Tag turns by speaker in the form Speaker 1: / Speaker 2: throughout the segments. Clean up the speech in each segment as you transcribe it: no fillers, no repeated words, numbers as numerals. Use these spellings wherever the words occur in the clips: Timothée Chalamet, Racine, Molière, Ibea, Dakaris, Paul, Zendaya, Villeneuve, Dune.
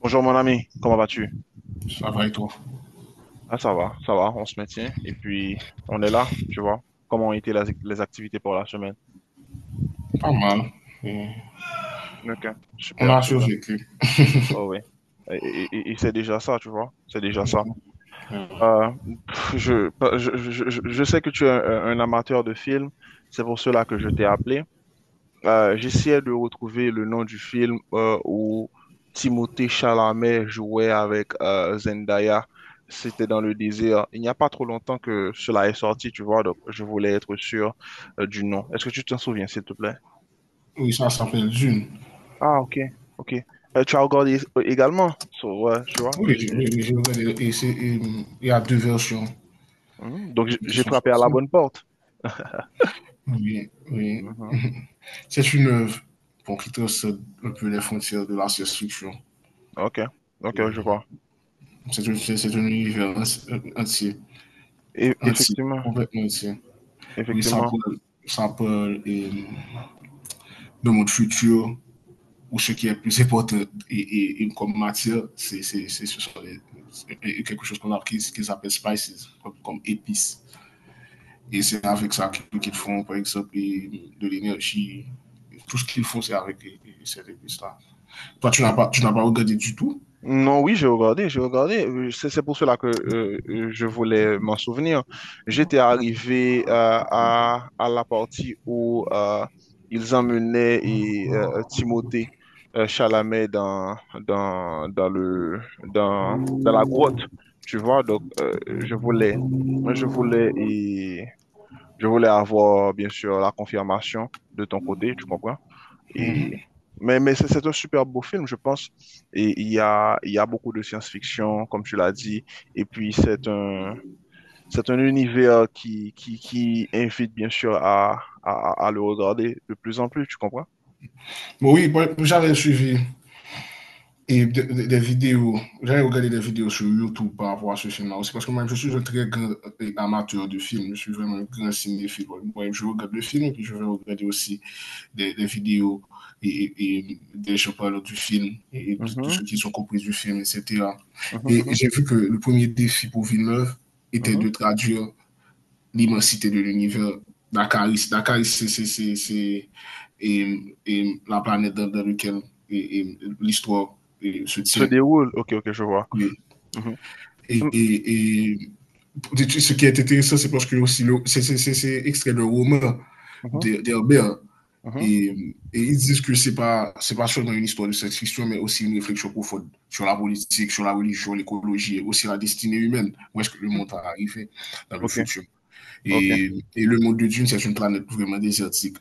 Speaker 1: Bonjour mon ami, comment vas-tu?
Speaker 2: Ça va et toi?
Speaker 1: Ah ça va, on se maintient et puis on est là, tu vois. Comment ont été les activités pour la semaine?
Speaker 2: Pas mal. Et
Speaker 1: Ok,
Speaker 2: on
Speaker 1: super,
Speaker 2: a
Speaker 1: super.
Speaker 2: survécu.
Speaker 1: Oh oui. Et, et c'est déjà ça, tu vois, c'est déjà ça.
Speaker 2: Ouais.
Speaker 1: Euh, pff, je sais que tu es un amateur de films, c'est pour cela que je t'ai appelé. J'essayais de retrouver le nom du film où Timothée Chalamet jouait avec Zendaya. C'était dans le désert. Il n'y a pas trop longtemps que cela est sorti, tu vois, donc je voulais être sûr du nom. Est-ce que tu t'en souviens, s'il te plaît?
Speaker 2: Oui, ça s'appelle Dune.
Speaker 1: Ah, ok, ok. Tu as regardé également, so, ouais, tu vois.
Speaker 2: Oui, oui, oui, j'ai regardé. Et il y a deux versions
Speaker 1: Hmm, donc
Speaker 2: qui
Speaker 1: j'ai
Speaker 2: sont
Speaker 1: frappé à la
Speaker 2: sorties.
Speaker 1: bonne porte.
Speaker 2: Oui, oui.
Speaker 1: Mhm.
Speaker 2: C'est une œuvre, bon, qui trace un peu les frontières de la science-fiction.
Speaker 1: Ok, ok, je
Speaker 2: Et
Speaker 1: vois.
Speaker 2: C'est un univers entier,
Speaker 1: Et,
Speaker 2: entier,
Speaker 1: effectivement,
Speaker 2: complètement entier. Oui,
Speaker 1: effectivement.
Speaker 2: ça parle, de notre futur, ou ce qui est plus important. Et comme matière, c'est ce sont les, quelque chose qu'on a qu'ils qu appellent spices, comme épices. Et c'est avec ça qu'ils font, par exemple, de l'énergie. Tout ce qu'ils font, c'est avec ces épices-là. Toi, tu n'as pas regardé du tout.
Speaker 1: Non, oui, j'ai regardé, j'ai regardé. C'est pour cela que je voulais m'en souvenir. J'étais arrivé à la partie où ils emmenaient et, Timothée Chalamet dans, dans le, dans la grotte, tu vois. Donc, je voulais, et, je voulais avoir, bien sûr, la confirmation de ton côté, tu comprends? Et... mais c'est un super beau film, je pense. Et il y a beaucoup de science-fiction, comme tu l'as dit. Et puis, c'est un univers qui invite, bien sûr, à le regarder de plus en plus, tu comprends?
Speaker 2: Mais oui, bon, j'avais suivi. Des vidéos, j'avais regardé des vidéos sur YouTube par rapport à ce film-là aussi, parce que moi, je suis un très grand amateur de films, je suis vraiment un grand cinéphile. Moi, je regarde le film et puis je vais regarder aussi des vidéos et des gens parlant du film et de
Speaker 1: Mhm,
Speaker 2: ce qu'ils ont compris du film, etc.
Speaker 1: mhm,
Speaker 2: Et
Speaker 1: mhm,
Speaker 2: j'ai vu que le premier défi pour Villeneuve était
Speaker 1: mhm.
Speaker 2: de traduire l'immensité de l'univers. Dakaris, c'est la planète dans laquelle l'histoire se
Speaker 1: Se
Speaker 2: tient.
Speaker 1: déroule. Ok, ok, je vois.
Speaker 2: Oui.
Speaker 1: Mhm,
Speaker 2: Et,
Speaker 1: mhm,
Speaker 2: et, et, et, ce qui est intéressant, c'est parce que aussi c'est extrait d'un roman
Speaker 1: mhm,
Speaker 2: d'Herbert.
Speaker 1: mhm,
Speaker 2: Et ils disent que ce n'est pas seulement une histoire de science-fiction, mais aussi une réflexion profonde sur la politique, sur la religion, l'écologie et aussi la destinée humaine. Où est-ce que le
Speaker 1: mhm.
Speaker 2: monde va arriver dans le
Speaker 1: Ok,
Speaker 2: futur?
Speaker 1: ok.
Speaker 2: Et, et le monde de Dune, c'est une planète vraiment désertique.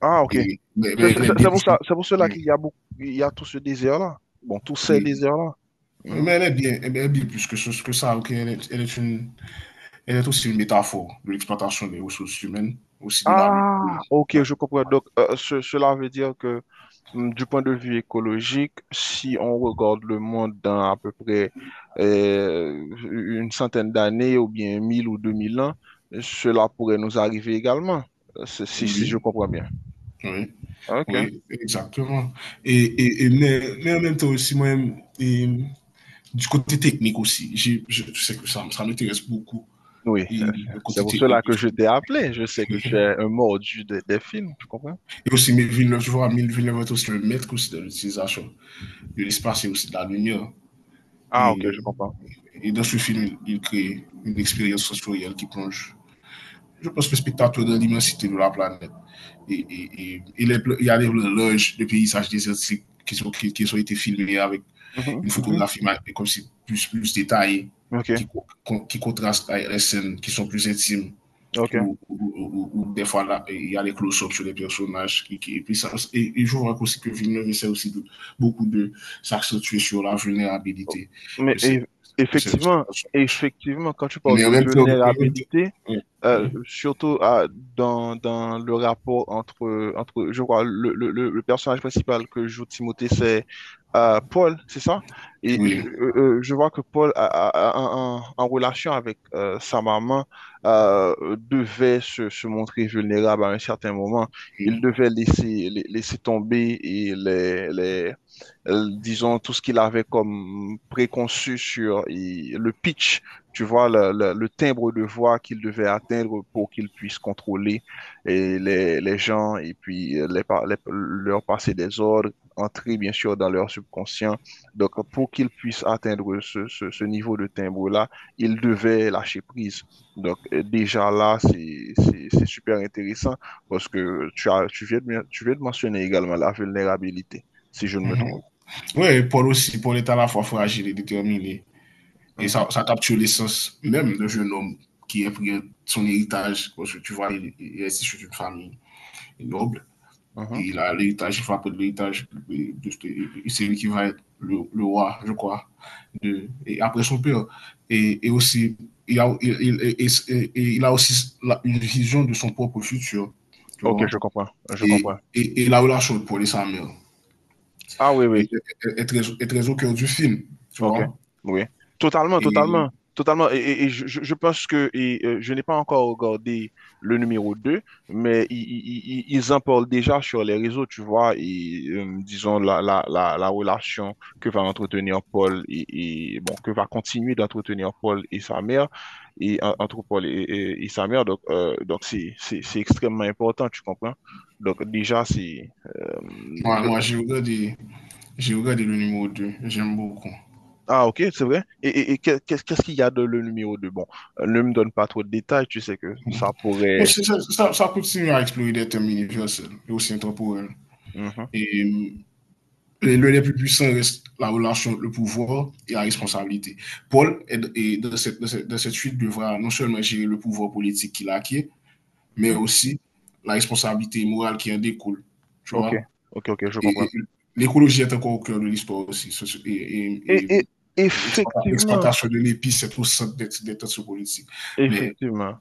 Speaker 1: Ah, ok.
Speaker 2: Et, mais,
Speaker 1: C'est c'est-
Speaker 2: mais elle
Speaker 1: c'est-
Speaker 2: est bien
Speaker 1: c'est pour
Speaker 2: plus que.
Speaker 1: ça, c'est pour cela qu'il y a beaucoup, il y a tout ce désert-là. Bon, tous ces
Speaker 2: Oui.
Speaker 1: déserts-là.
Speaker 2: Oui,
Speaker 1: Mhm.
Speaker 2: mais elle est bien plus que, que ça. Ok? Elle est aussi une métaphore de l'exploitation des ressources humaines, aussi de la lutte.
Speaker 1: Ah, ok,
Speaker 2: Ouais.
Speaker 1: je comprends. Donc, cela veut dire que du point de vue écologique, si on regarde le monde dans à peu près une centaine d'années ou bien 1000 ou 2000 ans, cela pourrait nous arriver également, si, si je
Speaker 2: Oui,
Speaker 1: comprends bien.
Speaker 2: oui.
Speaker 1: Ok.
Speaker 2: Oui, exactement. Mais en même temps aussi, moi-même, et du côté technique aussi, je sais que ça m'intéresse beaucoup,
Speaker 1: Oui,
Speaker 2: et le
Speaker 1: c'est
Speaker 2: côté
Speaker 1: pour
Speaker 2: technique
Speaker 1: cela
Speaker 2: du
Speaker 1: que je
Speaker 2: film.
Speaker 1: t'ai appelé. Je sais que tu es un mordu des films, tu comprends?
Speaker 2: Et aussi, mais Villeneuve, je vois, mais Villeneuve est aussi le maître aussi de l'utilisation de l'espace et aussi de la lumière.
Speaker 1: Ah, ok,
Speaker 2: Et,
Speaker 1: je comprends.
Speaker 2: et dans ce film, il crée une expérience sensorielle qui plonge, je pense, le spectateur dans l'immensité de la planète. Il y a des loges, des paysages désertiques qui ont été filmés avec
Speaker 1: Mhm,
Speaker 2: une
Speaker 1: mhm.
Speaker 2: photographie comme si plus détaillée,
Speaker 1: Ok,
Speaker 2: qui, qui contraste avec les scènes qui sont plus intimes,
Speaker 1: ok.
Speaker 2: ou des fois là, il y a les close-ups sur les personnages et puis ça, et je vois aussi que Villeneuve essaie aussi beaucoup de s'accentuer sur la vulnérabilité
Speaker 1: Mais
Speaker 2: de ces,
Speaker 1: eff-
Speaker 2: de ces
Speaker 1: Effectivement,
Speaker 2: personnages.
Speaker 1: effectivement, quand tu parles
Speaker 2: Mais en
Speaker 1: de
Speaker 2: même temps, en même temps-
Speaker 1: vulnérabilité,
Speaker 2: Oui,
Speaker 1: euh,
Speaker 2: oui,
Speaker 1: surtout à- dans, dans le rapport entre, entre je crois, le personnage principal que joue Timothée, c'est Paul, c'est ça? Et
Speaker 2: oui,
Speaker 1: je vois que Paul, en, en relation avec sa maman, devait se, se montrer vulnérable à un certain moment. Il
Speaker 2: oui.
Speaker 1: devait laisser, laisser tomber et les, disons, tout ce qu'il avait comme préconçu sur et le pitch, tu vois, le timbre de voix qu'il devait atteindre pour qu'il puisse contrôler et les gens et puis leur passer des ordres, entrer bien sûr dans leur subconscient. Donc, pour qu'il puisse atteindre ce niveau de timbre-là, il devait lâcher prise. Donc, déjà là, c'est super intéressant parce que tu as, tu viens de mentionner également la vulnérabilité, si je ne me trompe.
Speaker 2: Ouais, Paul est à la fois fragile et déterminé. Et ça,
Speaker 1: Mhm,
Speaker 2: ça capture l'essence même d'un jeune homme qui a pris son héritage, parce que tu vois, il est issu d'une famille noble.
Speaker 1: mhm.
Speaker 2: Il a l'héritage, il peu de l'héritage, c'est lui qui va être le roi, je crois, et après son père. Et aussi, il a, il, et il a aussi une vision de son propre futur, tu
Speaker 1: Ok,
Speaker 2: vois.
Speaker 1: je comprends, je
Speaker 2: Et,
Speaker 1: comprends.
Speaker 2: et, et la relation pour les sa mère
Speaker 1: Ah oui, oui,
Speaker 2: est très au cœur du film, tu
Speaker 1: ok,
Speaker 2: vois.
Speaker 1: oui. Totalement,
Speaker 2: Et
Speaker 1: totalement, totalement. Et je pense que je n'ai pas encore regardé le numéro 2 mais ils en parlent déjà sur les réseaux, tu vois, et disons la relation que va entretenir Paul et, bon, que va continuer d'entretenir Paul et sa mère, et entre Paul et, et sa mère. Donc c'est extrêmement important, tu comprends? Donc déjà, c'est...
Speaker 2: moi,
Speaker 1: euh,
Speaker 2: j'ai regardé, le numéro 2. J'aime beaucoup.
Speaker 1: Ah, ok, c'est vrai. Et qu'est-ce qu'il y a de le numéro 2? Bon, ne me donne pas trop de détails, tu sais que ça pourrait.
Speaker 2: Ça continue à explorer des thèmes universels et aussi intemporels.
Speaker 1: Mhm,
Speaker 2: Et les lieux les plus puissants reste la relation, le pouvoir et la responsabilité. Paul, dans cette suite, devra non seulement gérer le pouvoir politique qu'il a acquis, mais
Speaker 1: mhm.
Speaker 2: aussi la responsabilité morale qui en découle. Tu
Speaker 1: Ok,
Speaker 2: vois?
Speaker 1: ok, ok, je
Speaker 2: Et
Speaker 1: comprends.
Speaker 2: l'écologie est encore au cœur de l'histoire aussi. Ce- Et, et-
Speaker 1: Et,
Speaker 2: et
Speaker 1: et effectivement,
Speaker 2: l'exploitation de l'épice est au centre des tensions politiques. Mais,
Speaker 1: effectivement.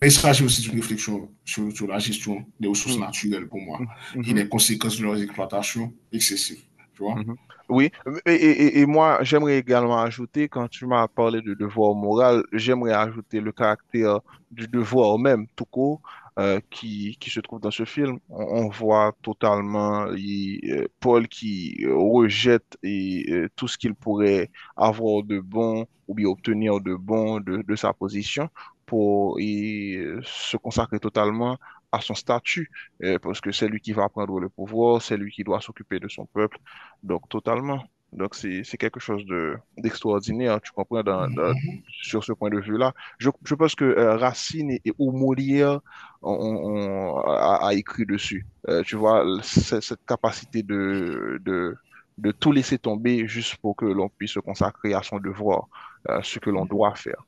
Speaker 2: mais il s'agit aussi d'une réflexion sur la gestion des ressources
Speaker 1: Mhm,
Speaker 2: naturelles pour moi
Speaker 1: mhm,
Speaker 2: et
Speaker 1: mhm.
Speaker 2: les conséquences de leur exploitation excessive. Tu vois?
Speaker 1: Mhm. Oui, et moi, j'aimerais également ajouter, quand tu m'as parlé de devoir moral, j'aimerais ajouter le caractère du devoir même, tout court, qui se trouve dans ce film. On voit totalement Paul qui rejette et, tout ce qu'il pourrait avoir de bon ou bien obtenir de bon de sa position pour y, se consacrer totalement à son statut, parce que c'est lui qui va prendre le pouvoir, c'est lui qui doit s'occuper de son peuple donc, totalement. Donc, c'est quelque chose de d'extraordinaire, hein, tu comprends, sur ce point de vue-là. Je pense que Racine ou Molière a écrit dessus. Tu vois, cette capacité de tout laisser tomber juste pour que l'on puisse se consacrer à son devoir, à ce que l'on doit faire.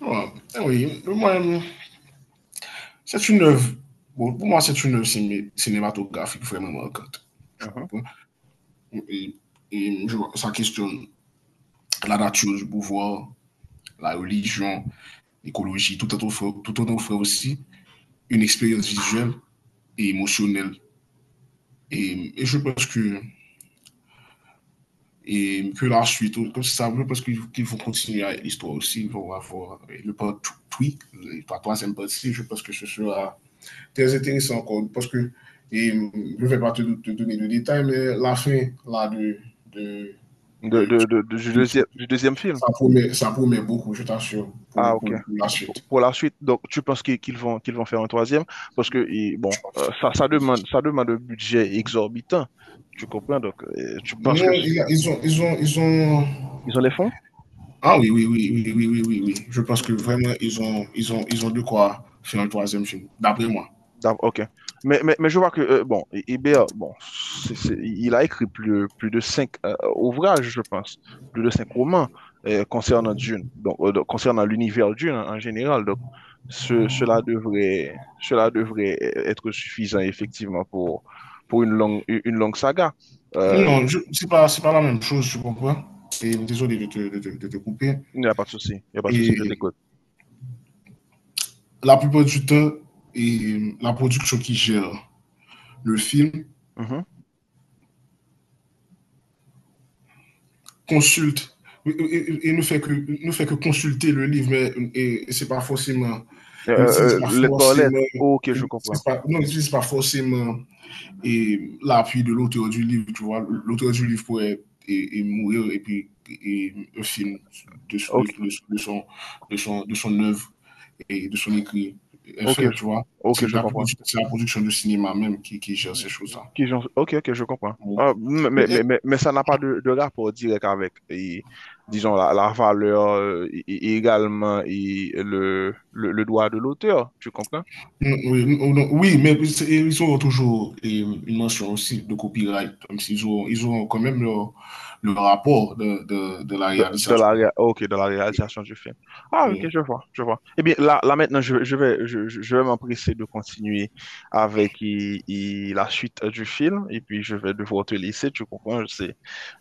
Speaker 2: Ouais, eh oui, moi, c'est une œuvre. Bon, pour moi, c'est une œuvre cinématographique vraiment marquante. Je
Speaker 1: Mhm.
Speaker 2: comprends. Et, Ça questionne la nature du pouvoir, la religion, l'écologie, tout en offrant aussi une expérience visuelle et émotionnelle. Et je pense que, et que la suite, comme ça, je pense qu'il faut continuer à l'histoire aussi. Ils vont avoir le part 3, la troisième partie. Je pense que ce sera très intéressant encore, parce que je ne vais pas te donner de détails, mais la fin là, de, de-
Speaker 1: Du
Speaker 2: de-
Speaker 1: deuxième, du deuxième film.
Speaker 2: ça promet beaucoup, je t'assure,
Speaker 1: Ah, ok.
Speaker 2: pour la suite.
Speaker 1: Pour la suite, donc tu penses qu'ils vont faire un troisième? Parce que, bon,
Speaker 2: Je pense.
Speaker 1: ça, ça demande un budget exorbitant. Tu comprends? Donc, tu penses
Speaker 2: Non,
Speaker 1: que
Speaker 2: il a- ils ont, ils ont, ils ont.
Speaker 1: ils ont les fonds?
Speaker 2: Ah oui, oui, oui, oui, oui, oui, oui, oui. Je pense que vraiment, ils ont de quoi faire un troisième film, d'après moi.
Speaker 1: D'ac- Ok. Mais je vois que, bon, Ibea, bon, il a écrit plus de cinq ouvrages, je pense, plus de cinq romans concernant Dune, donc, concernant l'univers Dune en, en général. Donc, cela devrait être suffisant, effectivement, pour une longue saga. Euh,
Speaker 2: Non, c'est pas la même chose, tu comprends? Et désolé de de te couper.
Speaker 1: il n'y a pas de souci, il n'y a pas de souci, je
Speaker 2: Et
Speaker 1: t'écoute.
Speaker 2: la plupart du temps, la production qui gère le film
Speaker 1: Mhm.
Speaker 2: consulte ne fait que consulter le livre, mais c'est pas forcément, il n'utilise pas
Speaker 1: Lettre par lettre,
Speaker 2: forcément,
Speaker 1: ok, je comprends.
Speaker 2: pas, non, il pas forcément et l'appui de l'auteur du livre, tu vois. L'auteur du livre pourrait mourir et puis un film
Speaker 1: Ok,
Speaker 2: de, son, de, son, de son œuvre et de son écrit est
Speaker 1: ok,
Speaker 2: fait, tu vois.
Speaker 1: ok,
Speaker 2: C'est
Speaker 1: je
Speaker 2: la,
Speaker 1: comprends.
Speaker 2: production de cinéma même qui gère ces choses-là.
Speaker 1: Ok, ok, je comprends.
Speaker 2: Bon.
Speaker 1: Ah,
Speaker 2: Eh,
Speaker 1: mais ça n'a pas de, de rapport direct avec, et, disons, la valeur et également et le droit de l'auteur, tu comprends?
Speaker 2: Oui, non, oui, mais ils auront toujours une mention aussi de copyright, comme s'ils ont ils ont quand même leur, le rapport de la réalisation.
Speaker 1: Oh, ok, de la réalisation du film. Ah, ok,
Speaker 2: Oui.
Speaker 1: je vois, je vois. Eh bien, là, là maintenant, je vais m'empresser de continuer avec la suite du film et puis je vais devoir te laisser, tu comprends, je sais.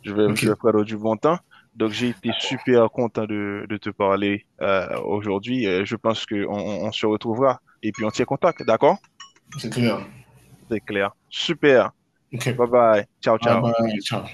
Speaker 2: Ok,
Speaker 1: Je vais prendre du bon temps. Donc, j'ai été super content de te parler aujourd'hui. Je pense qu'on on se retrouvera et puis on tient contact, d'accord?
Speaker 2: c'est clair.
Speaker 1: C'est clair. Super.
Speaker 2: Ok.
Speaker 1: Bye bye. Ciao,
Speaker 2: Bye
Speaker 1: ciao.
Speaker 2: bye, ciao.